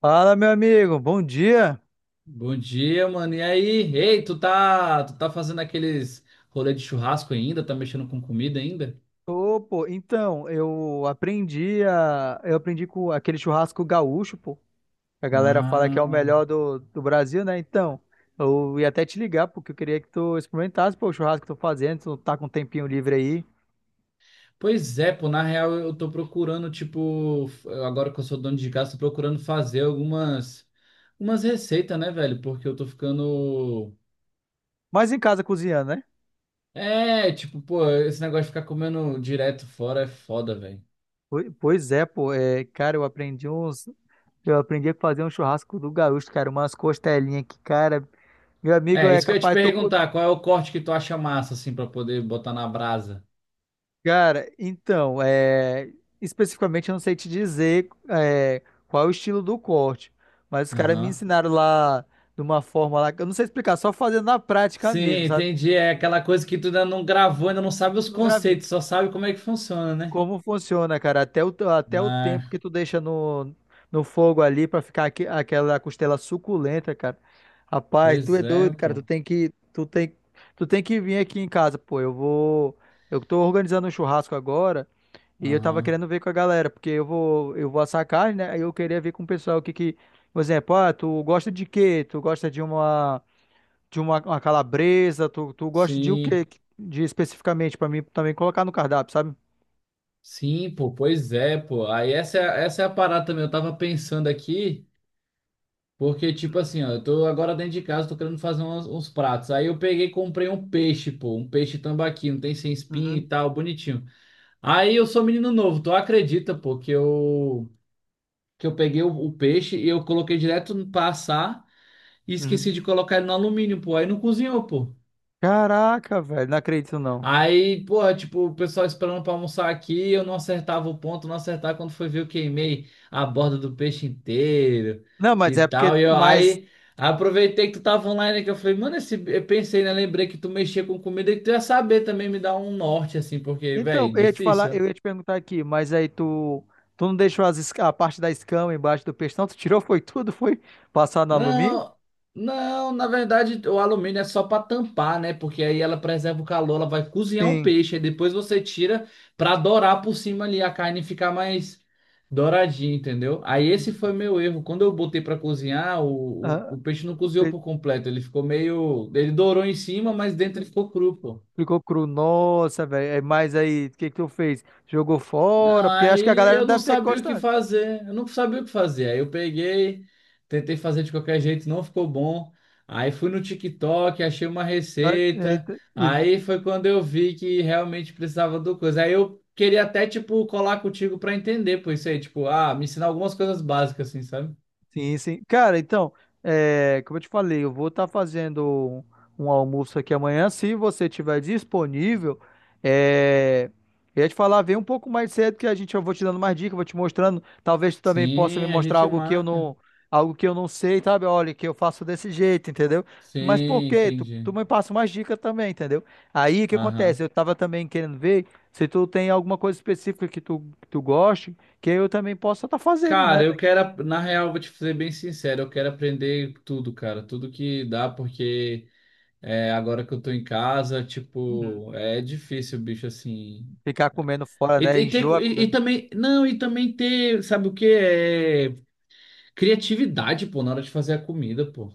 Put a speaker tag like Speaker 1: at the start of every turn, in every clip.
Speaker 1: Fala, meu amigo, bom dia.
Speaker 2: Bom dia, mano. E aí? Ei, tu tá fazendo aqueles rolê de churrasco ainda? Tá mexendo com comida ainda?
Speaker 1: Ô, pô, então, eu aprendi com aquele churrasco gaúcho, pô. Que A galera fala que é o
Speaker 2: Ah,
Speaker 1: melhor do Brasil, né? Então, eu ia até te ligar, porque eu queria que tu experimentasse, pô, o churrasco que eu tô fazendo, tu tá com um tempinho livre aí.
Speaker 2: pois é, pô, na real eu tô procurando, tipo, agora que eu sou dono de casa, tô procurando fazer algumas receitas, né, velho? Porque eu tô ficando
Speaker 1: Mas em casa cozinhando, né?
Speaker 2: é, tipo, pô, esse negócio de ficar comendo direto fora é foda, velho.
Speaker 1: Pois é, pô, é, cara, eu aprendi a fazer um churrasco do gaúcho, cara, umas costelinhas que, cara, meu amigo
Speaker 2: É,
Speaker 1: é
Speaker 2: isso que eu ia te
Speaker 1: capaz, tô,
Speaker 2: perguntar, qual é o corte que tu acha massa assim pra poder botar na brasa?
Speaker 1: Cara, então, é, especificamente eu não sei te dizer é, qual é o estilo do corte, mas os caras me
Speaker 2: Aham.
Speaker 1: ensinaram lá de uma forma lá, que eu não sei explicar, só fazendo na prática
Speaker 2: Sim,
Speaker 1: mesmo, sabe?
Speaker 2: entendi. É aquela coisa que tu ainda não gravou, ainda não sabe os
Speaker 1: Não gravei.
Speaker 2: conceitos, só sabe como é que funciona, né?
Speaker 1: Como funciona, cara, até o tempo que
Speaker 2: Ah,
Speaker 1: tu deixa no, no fogo ali pra ficar aquela costela suculenta, cara. Rapaz, tu
Speaker 2: pois
Speaker 1: é
Speaker 2: é,
Speaker 1: doido, cara,
Speaker 2: pô.
Speaker 1: tu tem que vir aqui em casa, pô, eu vou, eu tô organizando um churrasco agora. E eu tava
Speaker 2: Aham.
Speaker 1: querendo ver com a galera, porque eu vou assar carne, né? Aí eu queria ver com o pessoal o que que, por exemplo, ah, tu gosta de quê? Tu gosta de uma uma calabresa? Tu gosta de o
Speaker 2: Sim,
Speaker 1: quê? De especificamente pra mim também colocar no cardápio, sabe?
Speaker 2: sim, pô, pois é, pô. Aí essa, essa é a parada também. Eu tava pensando aqui, porque, tipo assim, ó, eu tô agora dentro de casa, tô querendo fazer uns pratos. Aí eu peguei e comprei um peixe, pô, um peixe tambaqui, não tem sem espinha
Speaker 1: Uhum,
Speaker 2: e tal, bonitinho. Aí eu sou menino novo, tu acredita, pô, que eu peguei o peixe e eu coloquei direto no passar. E esqueci
Speaker 1: uhum.
Speaker 2: de colocar ele no alumínio, pô. Aí não cozinhou, pô.
Speaker 1: Caraca, velho, não acredito não.
Speaker 2: Aí, pô, tipo, o pessoal esperando pra almoçar aqui, eu não acertava o ponto, não acertava quando foi ver, eu queimei a borda do peixe inteiro
Speaker 1: Não, mas
Speaker 2: e
Speaker 1: é
Speaker 2: tal.
Speaker 1: porque,
Speaker 2: E eu,
Speaker 1: mas
Speaker 2: aí aproveitei que tu tava online que eu falei, mano, esse, eu pensei, né? Lembrei que tu mexia com comida e que tu ia saber também me dar um norte, assim, porque,
Speaker 1: então,
Speaker 2: velho,
Speaker 1: eu ia te falar,
Speaker 2: difícil.
Speaker 1: eu ia te perguntar aqui, mas aí tu tu não deixou a parte da escama embaixo do peixe, não? Tu tirou foi tudo, foi passar no alumínio?
Speaker 2: Não, não, na verdade o alumínio é só para tampar, né? Porque aí ela preserva o calor, ela vai cozinhar o
Speaker 1: Sim.
Speaker 2: peixe, aí depois você tira para dourar por cima ali, a carne ficar mais douradinha, entendeu? Aí esse foi meu erro. Quando eu botei para cozinhar,
Speaker 1: Ah,
Speaker 2: o peixe não cozinhou por completo, ele ficou meio. Ele dourou em cima, mas dentro ele ficou cru, pô.
Speaker 1: ficou cru, nossa, velho. É, mas aí, o que que tu fez? Jogou
Speaker 2: Não,
Speaker 1: fora? Porque acho que a
Speaker 2: aí
Speaker 1: galera não
Speaker 2: eu não
Speaker 1: deve ter
Speaker 2: sabia o que
Speaker 1: gostado.
Speaker 2: fazer, eu não sabia o que fazer. Aí eu peguei, tentei fazer de qualquer jeito, não ficou bom. Aí fui no TikTok, achei uma
Speaker 1: Ah,
Speaker 2: receita.
Speaker 1: eita. E
Speaker 2: Aí foi quando eu vi que realmente precisava do coisa. Aí eu queria até, tipo, colar contigo pra entender, por isso aí, tipo, ah, me ensinar algumas coisas básicas, assim, sabe?
Speaker 1: sim, sim. Cara, então, é, como eu te falei, eu vou estar fazendo um almoço aqui amanhã. Se você tiver disponível, é, eu ia te falar, vem um pouco mais cedo que a gente, eu vou te dando mais dicas, vou te mostrando. Talvez tu também possa me
Speaker 2: Sim, a
Speaker 1: mostrar
Speaker 2: gente marca.
Speaker 1: algo que eu não sei, sabe? Olha, que eu faço desse jeito, entendeu? Mas por
Speaker 2: Sim,
Speaker 1: quê? Tu
Speaker 2: entendi.
Speaker 1: me passa umas dicas também, entendeu? Aí o que acontece?
Speaker 2: Aham.
Speaker 1: Eu tava também querendo ver se tu tem alguma coisa específica que tu goste, que eu também possa estar fazendo, né?
Speaker 2: Cara, eu quero, na real, vou te ser bem sincero, eu quero aprender tudo, cara, tudo que dá, porque é, agora que eu tô em casa, tipo, é difícil, bicho, assim.
Speaker 1: Ficar comendo fora, né?
Speaker 2: E, ter,
Speaker 1: Enjoa
Speaker 2: e
Speaker 1: comendo.
Speaker 2: Também, não, e também ter, sabe o que? É criatividade, pô, na hora de fazer a comida, pô.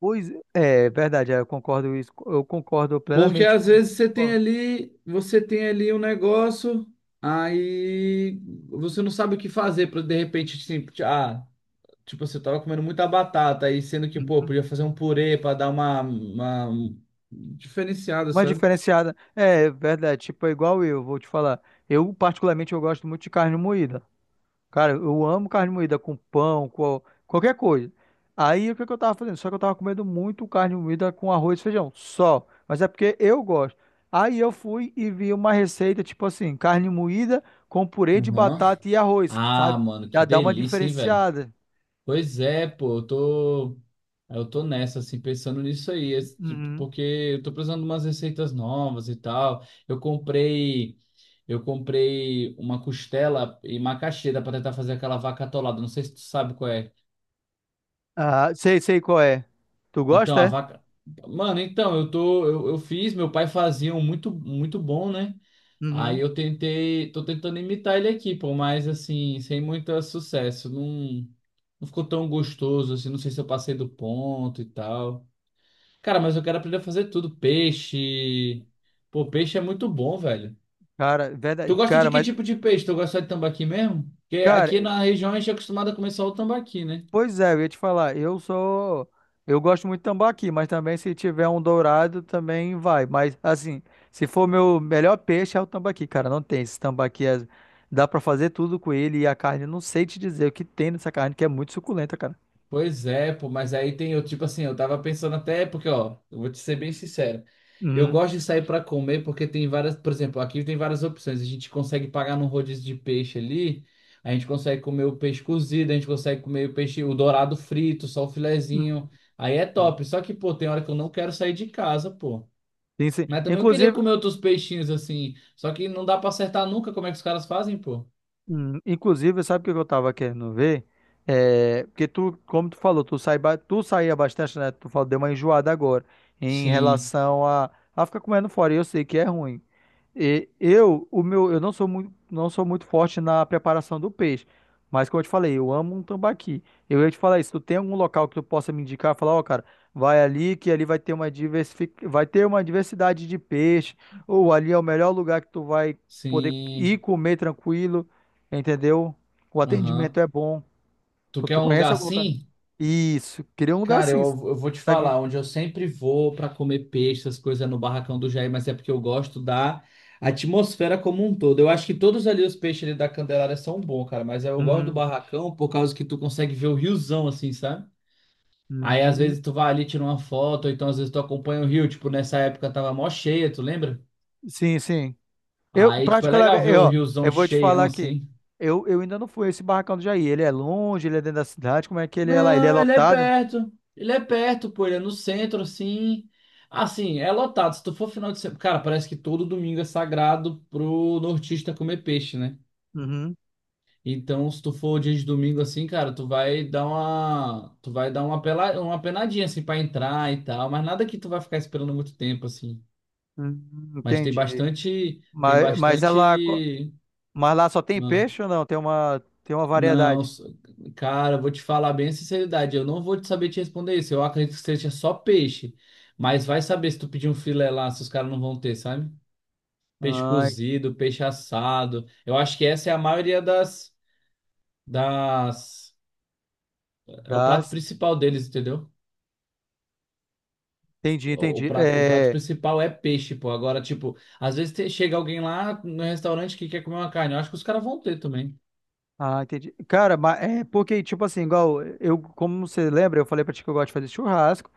Speaker 1: Pois é, é verdade, é, eu concordo isso, eu concordo
Speaker 2: Porque
Speaker 1: plenamente
Speaker 2: às
Speaker 1: com o que
Speaker 2: vezes
Speaker 1: você falou.
Speaker 2: você tem ali um negócio, aí você não sabe o que fazer para de repente, assim, ah, tipo, você tava comendo muita batata, aí sendo que, pô,
Speaker 1: Uhum.
Speaker 2: podia fazer um purê para dar uma diferenciada,
Speaker 1: Uma
Speaker 2: sabe?
Speaker 1: diferenciada, é verdade, tipo, é igual eu, vou te falar. Eu, particularmente, eu gosto muito de carne moída. Cara, eu amo carne moída com pão, com qualquer coisa. Aí o que que eu tava fazendo? Só que eu tava comendo muito carne moída com arroz e feijão, só. Mas é porque eu gosto. Aí eu fui e vi uma receita, tipo assim, carne moída com purê de
Speaker 2: Uhum.
Speaker 1: batata e arroz,
Speaker 2: Ah,
Speaker 1: sabe?
Speaker 2: mano, que
Speaker 1: Já dá uma
Speaker 2: delícia, hein, velho?
Speaker 1: diferenciada.
Speaker 2: Pois é, pô, eu tô nessa, assim, pensando nisso aí, esse tipo,
Speaker 1: Uhum.
Speaker 2: porque eu tô precisando de umas receitas novas e tal. Eu comprei uma costela e macaxeira pra tentar fazer aquela vaca atolada, não sei se tu sabe qual é.
Speaker 1: Ah, sei, sei qual é. Tu
Speaker 2: Então,
Speaker 1: gosta,
Speaker 2: a
Speaker 1: é?
Speaker 2: vaca... Mano, então, eu fiz, meu pai fazia um muito, muito bom, né? Aí
Speaker 1: Uhum.
Speaker 2: eu tentei, tô tentando imitar ele aqui, pô, mas assim, sem muito sucesso, não, não ficou tão gostoso, assim, não sei se eu passei do ponto e tal. Cara, mas eu quero aprender a fazer tudo. Peixe. Pô, peixe é muito bom, velho.
Speaker 1: Cara, é
Speaker 2: Tu
Speaker 1: verdade.
Speaker 2: gosta de
Speaker 1: Cara,
Speaker 2: que
Speaker 1: mas,
Speaker 2: tipo de peixe? Tu gosta de tambaqui mesmo? Porque
Speaker 1: cara,
Speaker 2: aqui na região a gente é acostumado a comer só o tambaqui, né?
Speaker 1: pois é, eu ia te falar, eu sou. Eu gosto muito de tambaqui, mas também se tiver um dourado também vai. Mas assim, se for meu melhor peixe é o tambaqui, cara, não tem. Dá pra fazer tudo com ele e a carne, não sei te dizer o que tem nessa carne, que é muito suculenta, cara.
Speaker 2: Pois é, pô, mas aí tem eu, tipo assim, eu tava pensando até, porque, ó, eu vou te ser bem sincero. Eu
Speaker 1: Uhum,
Speaker 2: gosto de sair pra comer porque tem várias, por exemplo, aqui tem várias opções. A gente consegue pagar num rodízio de peixe ali, a gente consegue comer o peixe cozido, a gente consegue comer o peixe, o dourado frito, só o
Speaker 1: uhum,
Speaker 2: filezinho. Aí é
Speaker 1: uhum.
Speaker 2: top. Só que, pô, tem hora que eu não quero sair de casa, pô.
Speaker 1: Sim, sim.
Speaker 2: Mas também eu queria
Speaker 1: Inclusive,
Speaker 2: comer outros peixinhos assim, só que não dá pra acertar nunca como é que os caras fazem, pô.
Speaker 1: inclusive, sabe o que eu tava querendo ver? É, porque tu, como tu falou, tu, sai, tu saía bastante, né? Tu falou, deu uma enjoada agora em
Speaker 2: Sim,
Speaker 1: relação a ficar comendo fora, e eu sei que é ruim. E eu, o meu, eu não sou muito, não sou muito forte na preparação do peixe, mas como eu te falei, eu amo um tambaqui. Eu ia te falar isso, tu tem algum local que tu possa me indicar, falar, ó, cara, vai ali que ali vai ter uma diversific... vai ter uma diversidade de peixe, ou ali é o melhor lugar que tu vai poder ir
Speaker 2: sim.
Speaker 1: comer tranquilo, entendeu? O atendimento
Speaker 2: Aham.
Speaker 1: é bom.
Speaker 2: Tu quer
Speaker 1: Tu
Speaker 2: um lugar
Speaker 1: conhece algum lugar?
Speaker 2: assim?
Speaker 1: Isso, queria um lugar
Speaker 2: Cara,
Speaker 1: assim.
Speaker 2: eu vou te
Speaker 1: Segue me-
Speaker 2: falar, onde eu sempre vou para comer peixe, essas coisas é no barracão do Jair, mas é porque eu gosto da atmosfera como um todo. Eu acho que todos ali os peixes ali da Candelária são bons, cara, mas eu gosto do
Speaker 1: uhum,
Speaker 2: barracão por causa que tu consegue ver o riozão assim, sabe? Aí às
Speaker 1: uhum.
Speaker 2: vezes tu vai ali, tira uma foto, ou então às vezes tu acompanha o rio, tipo nessa época tava mó cheia, tu lembra?
Speaker 1: Sim, sim. Eu,
Speaker 2: Aí tipo é legal
Speaker 1: particularmente,
Speaker 2: ver
Speaker 1: eu,
Speaker 2: o
Speaker 1: ó,
Speaker 2: riozão
Speaker 1: eu vou te falar
Speaker 2: cheião
Speaker 1: aqui.
Speaker 2: assim.
Speaker 1: Eu ainda não fui a esse barracão do Jair. Ele é longe, ele é dentro da cidade. Como é que ele é lá? Ele é
Speaker 2: Não, ele é
Speaker 1: lotado?
Speaker 2: perto. Ele é perto, pô. Ele é no centro, assim. Assim, é lotado. Se tu for final de semana. Cara, parece que todo domingo é sagrado pro nortista comer peixe, né?
Speaker 1: Uhum.
Speaker 2: Então, se tu for dia de domingo assim, cara, tu vai dar uma. Tu vai dar uma, pela... uma penadinha, assim, pra entrar e tal. Mas nada que tu vai ficar esperando muito tempo, assim. Mas tem
Speaker 1: Entendi.
Speaker 2: bastante. Tem
Speaker 1: Mas, mas ela, co-
Speaker 2: bastante.
Speaker 1: mas lá só tem
Speaker 2: Ah,
Speaker 1: peixe ou não? Tem uma
Speaker 2: não,
Speaker 1: variedade.
Speaker 2: cara, eu vou te falar bem a sinceridade, eu não vou te saber te responder isso. Eu acredito que seja só peixe, mas vai saber se tu pedir um filé lá, se os caras não vão ter, sabe? Peixe
Speaker 1: Ai,
Speaker 2: cozido, peixe assado. Eu acho que essa é a maioria das, é o prato
Speaker 1: das.
Speaker 2: principal deles, entendeu?
Speaker 1: Entendi, entendi.
Speaker 2: O prato
Speaker 1: É,
Speaker 2: principal é peixe, pô. Agora, tipo, às vezes chega alguém lá no restaurante que quer comer uma carne. Eu acho que os caras vão ter também.
Speaker 1: ah, entendi. Cara, mas é porque, tipo assim, igual eh, eu, como você lembra, eu falei pra ti que eu gosto de fazer churrasco,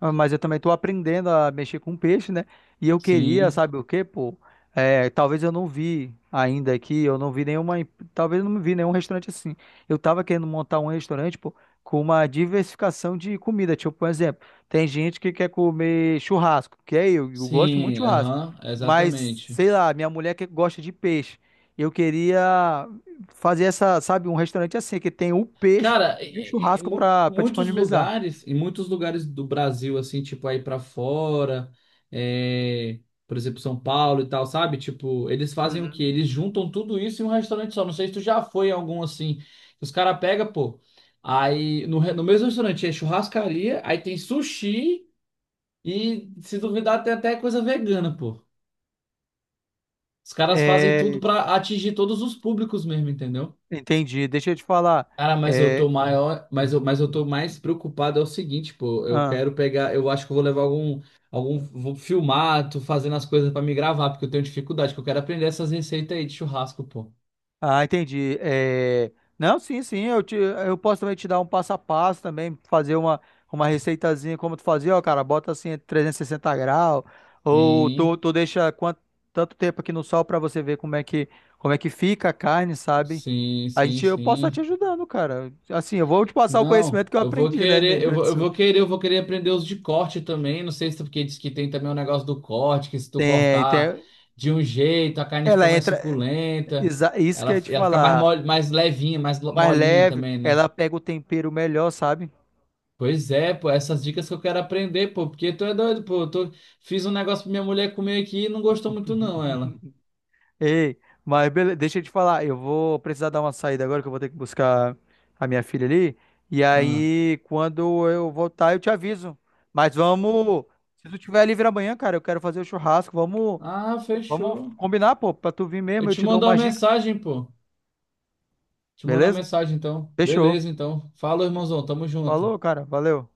Speaker 1: ah, mas eu também tô aprendendo a mexer com peixe, né? E eu queria,
Speaker 2: Sim,
Speaker 1: sabe o quê, pô? É, talvez eu não vi ainda aqui, eu não vi nenhuma, em- talvez eu não vi nenhum restaurante assim. Eu tava querendo montar um restaurante, pô, com uma diversificação de comida. Tipo, por exemplo, tem gente que quer comer churrasco, eu gosto muito de
Speaker 2: sim,
Speaker 1: churrasco,
Speaker 2: aham,
Speaker 1: mas
Speaker 2: exatamente.
Speaker 1: sei lá, minha mulher que gosta de peixe. Eu queria fazer essa, sabe, um restaurante assim, que tem o peixe
Speaker 2: Cara,
Speaker 1: e o churrasco para
Speaker 2: muitos
Speaker 1: disponibilizar.
Speaker 2: lugares, em muitos lugares do Brasil, assim, tipo, aí pra fora, é, por exemplo, São Paulo e tal, sabe? Tipo, eles fazem o quê?
Speaker 1: Uhum.
Speaker 2: Eles juntam tudo isso em um restaurante só. Não sei se tu já foi em algum assim. Os caras pegam, pô, aí no, re- no mesmo restaurante é churrascaria, aí tem sushi e, se duvidar, tem até coisa vegana, pô. Os caras fazem tudo
Speaker 1: É,
Speaker 2: pra atingir todos os públicos mesmo, entendeu?
Speaker 1: entendi. Deixa eu te falar.
Speaker 2: Cara, mas eu
Speaker 1: É,
Speaker 2: tô maior, mas eu tô mais preocupado é o seguinte, pô, eu
Speaker 1: ah.
Speaker 2: quero pegar, eu acho que eu vou levar vou filmar, tô fazendo as coisas pra me gravar, porque eu tenho dificuldade, que eu quero aprender essas receitas aí de churrasco, pô.
Speaker 1: Ah, entendi. É, não, sim, sim, eu, te... eu posso também te dar um passo a passo também, fazer uma receitazinha como tu fazia, ó, cara, bota assim 360°, ou tu,
Speaker 2: Sim,
Speaker 1: tu deixa quanto... tanto tempo aqui no sol pra você ver como é que fica a carne, sabe?
Speaker 2: sim,
Speaker 1: A
Speaker 2: sim,
Speaker 1: gente, eu posso estar te
Speaker 2: sim.
Speaker 1: ajudando, cara. Assim, eu vou te passar o
Speaker 2: Não,
Speaker 1: conhecimento que eu
Speaker 2: eu vou
Speaker 1: aprendi, né, no Rio
Speaker 2: querer,
Speaker 1: Grande do Sul.
Speaker 2: eu vou querer aprender os de corte também, não sei se é porque diz que tem também o negócio do corte, que se tu
Speaker 1: Tem,
Speaker 2: cortar
Speaker 1: tem...
Speaker 2: de um jeito, a carne fica
Speaker 1: Ela
Speaker 2: mais
Speaker 1: entra,
Speaker 2: suculenta,
Speaker 1: isso que eu ia te
Speaker 2: ela fica mais,
Speaker 1: falar,
Speaker 2: mole, mais levinha, mais
Speaker 1: mais
Speaker 2: molinha
Speaker 1: leve,
Speaker 2: também, né?
Speaker 1: ela pega o tempero melhor, sabe?
Speaker 2: Pois é, pô, essas dicas que eu quero aprender, pô, porque tu é doido, pô, eu tô... fiz um negócio pra minha mulher comer aqui e não gostou muito não, ela.
Speaker 1: Ei, mas beleza, deixa eu te falar, eu vou precisar dar uma saída agora que eu vou ter que buscar a minha filha ali. E
Speaker 2: Ah,
Speaker 1: aí, quando eu voltar, eu te aviso. Mas vamos, se tu tiver livre amanhã, cara, eu quero fazer o churrasco. Vamos,
Speaker 2: ah,
Speaker 1: vamos
Speaker 2: fechou.
Speaker 1: combinar, pô, pra tu vir
Speaker 2: Eu
Speaker 1: mesmo, eu
Speaker 2: te
Speaker 1: te dou
Speaker 2: mando uma
Speaker 1: umas dicas,
Speaker 2: mensagem, pô. Te mando uma
Speaker 1: beleza?
Speaker 2: mensagem, então.
Speaker 1: Fechou.
Speaker 2: Beleza, então. Fala, irmãozão, tamo junto.
Speaker 1: Falou, cara, valeu.